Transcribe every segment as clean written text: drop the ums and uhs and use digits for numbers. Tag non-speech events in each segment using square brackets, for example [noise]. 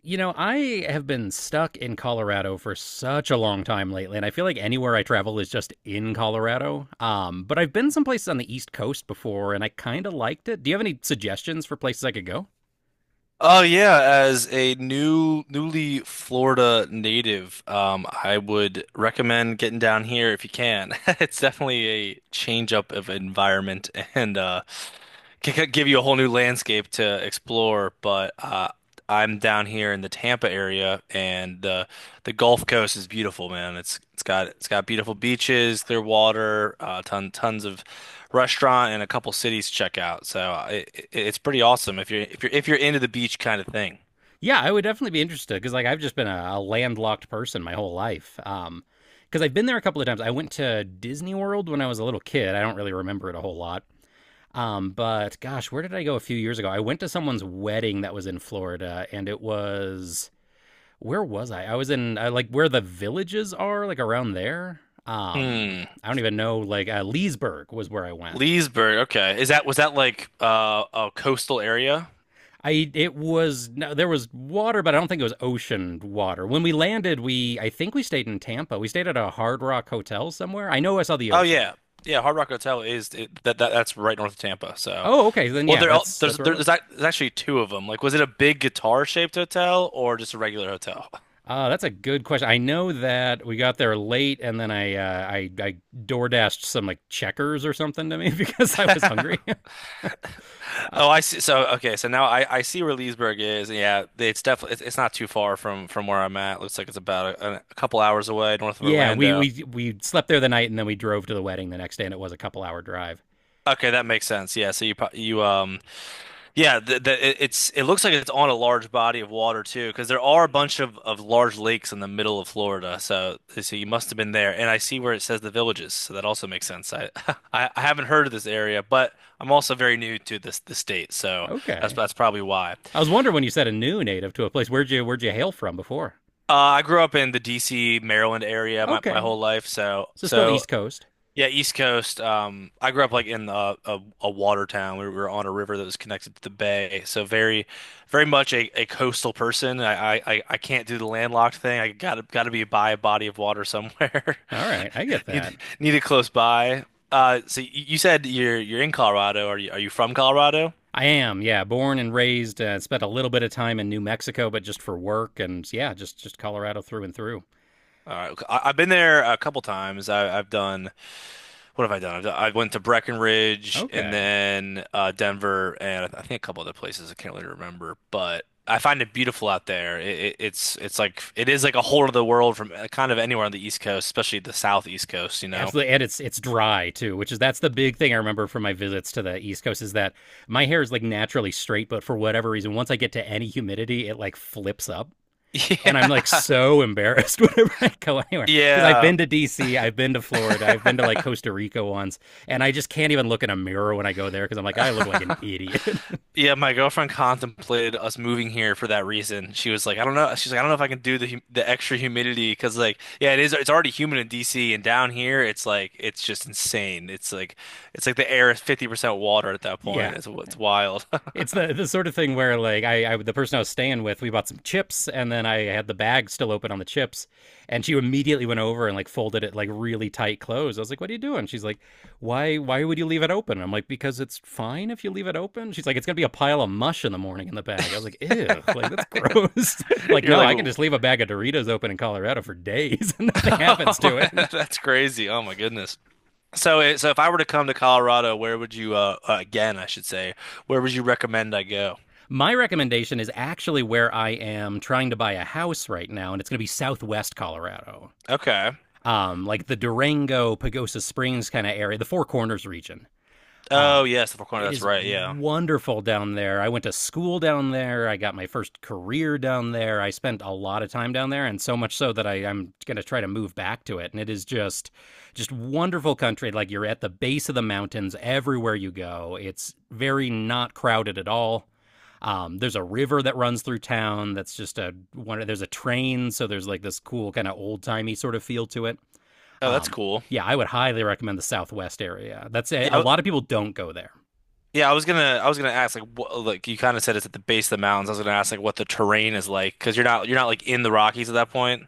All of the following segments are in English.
I have been stuck in Colorado for such a long time lately, and I feel like anywhere I travel is just in Colorado. But I've been some places on the East Coast before, and I kind of liked it. Do you have any suggestions for places I could go? Oh yeah, as a newly Florida native, I would recommend getting down here if you can. [laughs] It's definitely a change up of environment and could give you a whole new landscape to explore, but I'm down here in the Tampa area, and the Gulf Coast is beautiful, man. It's got beautiful beaches, clear water, tons of restaurant, and a couple cities to check out. So it's pretty awesome if you're into the beach kind of thing. Yeah, I would definitely be interested because, like, I've just been a landlocked person my whole life. Because I've been there a couple of times. I went to Disney World when I was a little kid. I don't really remember it a whole lot. But gosh, where did I go a few years ago? I went to someone's wedding that was in Florida, and it was, where was I? I was in like where the villages are, like around there. Hmm. I don't even know. Leesburg was where I went. Leesburg. Okay. Is that was that like a coastal area? I it was, no, there was water, but I don't think it was ocean water. When we landed, we I think we stayed in Tampa. We stayed at a Hard Rock hotel somewhere. I know I saw the Oh ocean. yeah, yeah. Hard Rock Hotel is it, that, that that's right north of Tampa. So. Oh, okay, then Well, yeah, there al- that's there's that's where it there, was. there's ac- there's actually two of them. Like, was it a big guitar-shaped hotel or just a regular hotel? [laughs] That's a good question. I know that we got there late, and then I door dashed some, like, checkers or something to me [laughs] because I was hungry. [laughs] Uh, Oh, I see. So okay, so now I see where Leesburg is. Yeah, it's definitely it's not too far from where I'm at. Looks like it's about a couple hours away north of Yeah, we Orlando. we we slept there the night and then we drove to the wedding the next day, and it was a couple hour drive. Okay, that makes sense. Yeah, so you Yeah, it it looks like it's on a large body of water too, because there are a bunch of large lakes in the middle of Florida. So, you must have been there. And I see where it says the villages, so that also makes sense. I [laughs] I haven't heard of this area, but I'm also very new to this the state, so Okay, that's probably why. I was wondering when you said a new native to a place. Where'd you hail from before? I grew up in the D.C., Maryland area my Okay, whole life, so so still so East Coast. Yeah, East Coast. I grew up like in a water town. We were on a river that was connected to the bay, so very, very much a coastal person. I can't do the landlocked thing. I gotta gotta be by a body of water somewhere. All right, I get [laughs] Need that. need it close by. So you said you're in Colorado. Are you from Colorado? I am, yeah, born and raised. Spent a little bit of time in New Mexico, but just for work, and yeah, just Colorado through and through. All right. Okay. I've been there a couple times. I've done. What have I done? I went to Breckenridge and Okay, then Denver and I think a couple other places. I can't really remember, but I find it beautiful out there. It's like it is like a whole other world from kind of anywhere on the East Coast, especially the Southeast Coast, you know? absolutely, and it's dry too, which is, that's the big thing I remember from my visits to the East Coast, is that my hair is, like, naturally straight, but for whatever reason, once I get to any humidity, it, like, flips up. And I'm like [laughs] so [laughs] embarrassed whenever I go anywhere because I've Yeah, been to DC, I've been to Florida, I've been to, like, yeah. Costa Rica once, and I just can't even look in a mirror when I go there because I'm like, I look like an [laughs] idiot. Yeah, my girlfriend contemplated us moving here for that reason. She was like, I don't know. She's like, I don't know if I can do the extra humidity because, like, yeah, it is. It's already humid in DC, and down here, it's just insane. It's like the air is 50% water at [laughs] that point. Yeah. It's wild. It's the sort of thing where, like, I the person I was staying with, we bought some chips and then I had the bag still open on the chips, and she immediately went over and like folded it, like, really tight closed. I was like, "What are you doing?" She's like, "Why would you leave it open?" I'm like, "Because it's fine if you leave it open." She's like, "It's going to be a pile of mush in the morning in the bag." I was like, "Ew, like, that's gross." [laughs] [laughs] Like, You're "No, like, I can just "Whoa." leave a bag of Doritos open in Colorado for days and [laughs] [laughs] nothing happens to it." [laughs] That's crazy. Oh my goodness. So, so if I were to come to Colorado, where would you again, I should say, where would you recommend I go? My recommendation is actually where I am trying to buy a house right now, and it's going to be Southwest Colorado. Okay. Like the Durango, Pagosa Springs kind of area, the Four Corners region. Oh Um, yes, the Four Corners. it That's is right. Yeah. wonderful down there. I went to school down there. I got my first career down there. I spent a lot of time down there, and so much so that I'm going to try to move back to it. And it is just wonderful country. Like, you're at the base of the mountains everywhere you go. It's very not crowded at all. There's a river that runs through town. That's just a one. There's a train, so there's like this cool kind of old timey sort of feel to it. Oh, that's Um, cool. yeah, I would highly recommend the Southwest area. That's a Yeah, lot of people don't go there. yeah, I was gonna ask like what like you kind of said it's at the base of the mountains. I was gonna ask like what the terrain is like because you're not like in the Rockies at that point.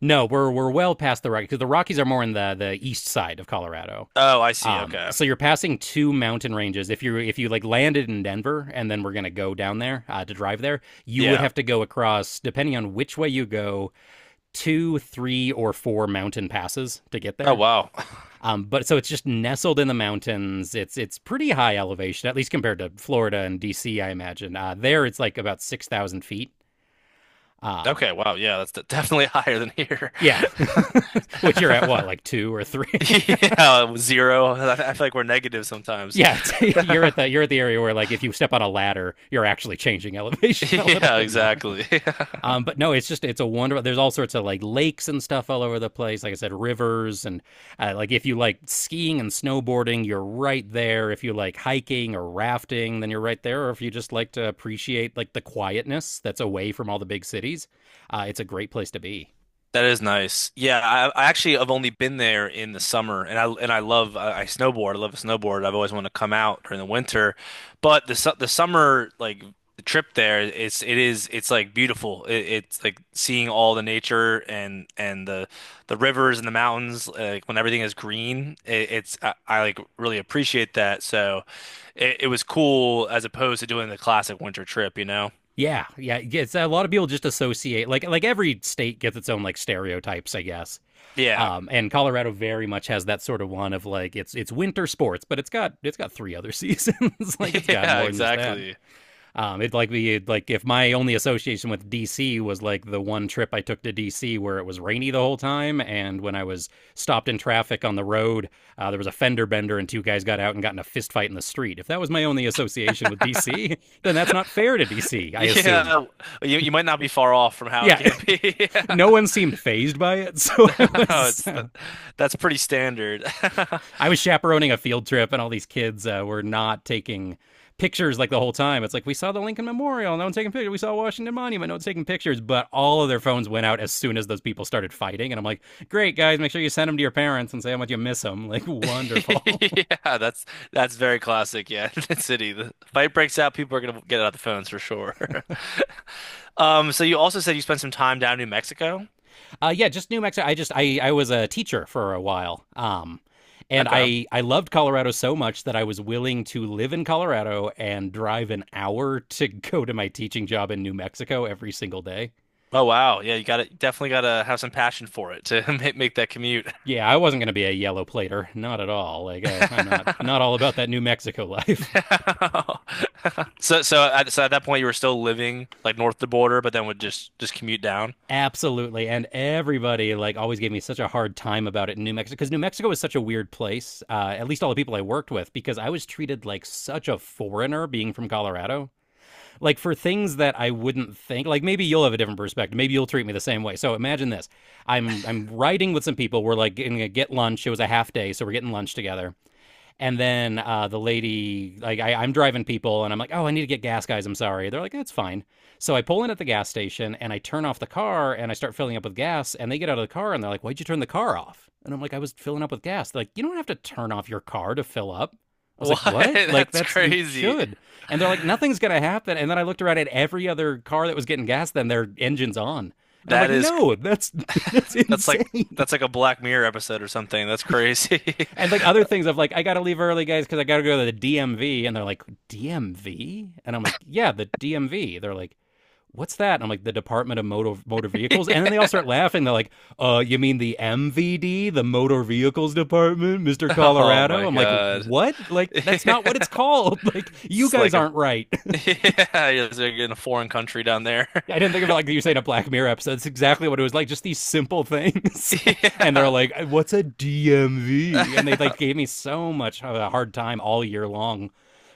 No, we're well past the Rockies because the Rockies are more in the east side of Colorado. Oh, I see. Um, Okay. so you're passing two mountain ranges. If you like landed in Denver and then we're gonna go down there to drive there, you would Yeah. have to go across, depending on which way you go, two, three, or four mountain passes to get Oh there. wow. [laughs] But so it's just nestled in the mountains. It's pretty high elevation, at least compared to Florida and DC, I imagine. There it's like about 6,000 feet. Um, Okay. Wow. Yeah, that's definitely [laughs] higher than here. yeah, [laughs] which you're at what, like two or three? [laughs] Yeah, zero. I feel like we're negative [laughs] sometimes. Yeah, it's, you're at the area where like if you step on a ladder, you're actually changing [laughs] elevation [laughs] a little Yeah, bit more. exactly. [laughs] But no, it's just, it's a wonderful. There's all sorts of like lakes and stuff all over the place. Like I said, rivers and like if you like skiing and snowboarding, you're right there. If you like hiking or rafting, then you're right there. Or if you just like to appreciate like the quietness that's away from all the big cities, it's a great place to be. That is nice. Yeah, I actually have only been there in the summer, and I love I snowboard. I love to snowboard. I've always wanted to come out during the winter, but the summer like the trip there, it's like beautiful. It's like seeing all the nature and the rivers and the mountains. Like when everything is green, it's I like really appreciate that. So it was cool as opposed to doing the classic winter trip, you know? Yeah, yeah, yeah, it's, a lot of people just associate like every state gets its own like stereotypes, I guess. Yeah, And Colorado very much has that sort of one of like it's winter sports, but it's got three other seasons. [laughs] Like, [laughs] it's got yeah, more than just that. exactly. It'd like be like if my only association with DC was like the one trip I took to DC where it was rainy the whole time, and when I was stopped in traffic on the road, there was a fender bender and two guys got out and got in a fist fight in the street. If that was my only association with DC, [laughs] then that's not fair to DC, I assume. Yeah, you might not be far off from how it Yeah, can be. [laughs] [laughs] no one seemed phased by it. [laughs] So Yeah. No, it's that that's pretty standard. [laughs] I was chaperoning a field trip, and all these kids were not taking pictures like the whole time. It's like, we saw the Lincoln Memorial, no one taking pictures. We saw Washington Monument, no one's taking pictures. But all of their phones went out as soon as those people started fighting, and I'm like, great guys, make sure you send them to your parents and say how much you miss them. Like, wonderful. [laughs] Yeah, that's very classic. Yeah, [laughs] the city, the fight breaks out. People are gonna get out the phones for sure. [laughs] So you also said you spent some time down in New Mexico. Yeah, just New Mexico. I just I was a teacher for a while. And Okay. I loved Colorado so much that I was willing to live in Colorado and drive an hour [laughs] to go to my teaching job in New Mexico every single day. Oh wow. Yeah, you gotta definitely gotta have some passion for it to [laughs] make that commute. Yeah, I wasn't going to be a yellow plater, not at all. Like I'm not [laughs] all about that New Mexico life. [laughs] [laughs] So so at that point you were still living like north of the border, but then would just commute down. Absolutely. And everybody like always gave me such a hard time about it in New Mexico because New Mexico is such a weird place. At least all the people I worked with because I was treated like such a foreigner being from Colorado. Like, for things that I wouldn't think. Like, maybe you'll have a different perspective. Maybe you'll treat me the same way. So imagine this: I'm riding with some people. We're like gonna get lunch. It was a half day, so we're getting lunch together, and then the lady, like, I'm driving people and I'm like, oh, I need to get gas, guys. I'm sorry. They're like, that's fine. So I pull in at the gas station and I turn off the car and I start filling up with gas. And they get out of the car and they're like, why'd you turn the car off? And I'm like, I was filling up with gas. They're like, you don't have to turn off your car to fill up. I was like, What? [laughs] what? Like, That's that's, you crazy. should. And they're like, nothing's going to happen. And then I looked around at every other car that was getting gas, then their engine's on. And I'm like, That is no, that's [laughs] that's [laughs] that's like insane. that's like a Black Mirror episode or something. That's crazy. And like other things of like, I gotta leave early, guys, because I gotta go to the DMV. And they're like, DMV? And I'm like, yeah, the DMV. They're like, what's that? And I'm like, the Department of Motor Vehicles. And then [laughs] they all start laughing. They're like, you mean the MVD, the Motor Vehicles Department, Mr. Oh Colorado? my I'm like, God. what? [laughs] Like, that's It's not what it's called. [laughs] Like, you guys like a aren't right. [laughs] yeah, you're just like in a foreign country down there. Yeah, I didn't think of it [laughs] like you say, in a Black Mirror episode. It's exactly what it was like. Just these simple things, [laughs] and they're Yeah. like, "What's a DMV?" And they like [laughs] gave me so much of a hard time all year long,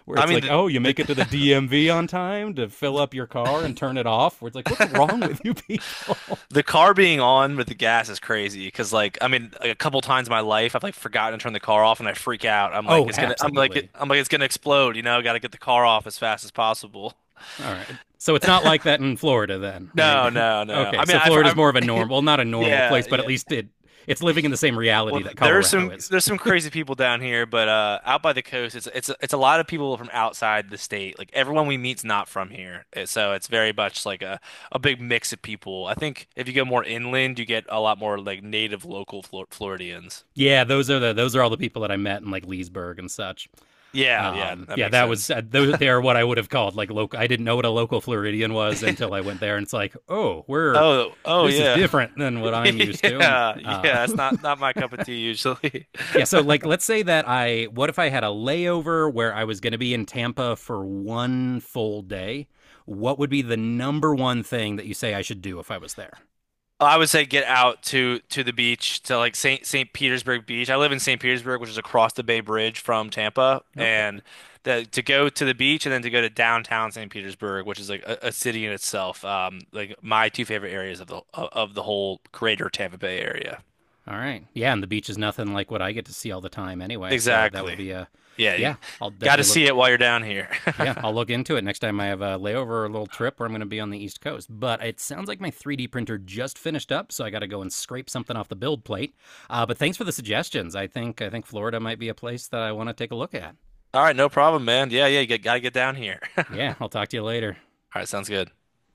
where I it's mean like, "Oh, you make it to the DMV on time to fill up your car and turn it off." Where it's like, "What's wrong the with [laughs] you people?" The car being on with the gas is crazy because, like, I mean, like, a couple times in my life, I've like forgotten to turn the car off and I freak out. [laughs] I'm like, Oh, I'm like, absolutely. I'm like, it's gonna explode. You know, got to get the car off as fast as possible. [laughs] All right. So it's not like that in Florida, then, right? No, no, [laughs] no. Okay, I mean, so Florida's I've more of a [laughs] normal, well, not a normal yeah, place, but at yeah. least it's living in the same Well, reality that Colorado is. there's some crazy people down here, but out by the coast, it's a lot of people from outside the state. Like everyone we meet's not from here. So it's very much like a big mix of people. I think if you go more inland, you get a lot more like native local Floridians. Yeah, those are the, those are all the people that I met in like Leesburg and such. Yeah, yeah, that Yeah, makes that was sense. Those, they are what I would have called like local. I didn't know what a local Floridian was until I [laughs] went there, and it's like, oh, we're Oh, oh this is yeah. [laughs] different than what I'm used to. Yeah, Uh, yeah, it's not not my cup of tea usually. [laughs] yeah, so like let's say that I what if I had a layover where I was going to be in Tampa for one full day? What would be the number one thing that you say I should do if I was there? [laughs] I would say get out to the beach to like Saint Petersburg Beach. I live in Saint Petersburg, which is across the Bay Bridge from Tampa, Okay. and to go to the beach and then to go to downtown Saint Petersburg, which is like a city in itself. Like my two favorite areas of the whole greater Tampa Bay area. All right. Yeah, and the beach is nothing like what I get to see all the time anyway. So that would Exactly. be Yeah, you yeah, I'll got to definitely look. see it while you're down here. Yeah, I'll look into it next time I have a layover or a little trip where I'm going to be on the East Coast. But it sounds like my 3D printer just finished up, so I got to go and scrape something off the build plate. But thanks for the suggestions. I think Florida might be a place that I want to take a look at. All right, no problem, man. Yeah, yeah, gotta get down here. [laughs] All Yeah, I'll talk to you later. right, sounds good.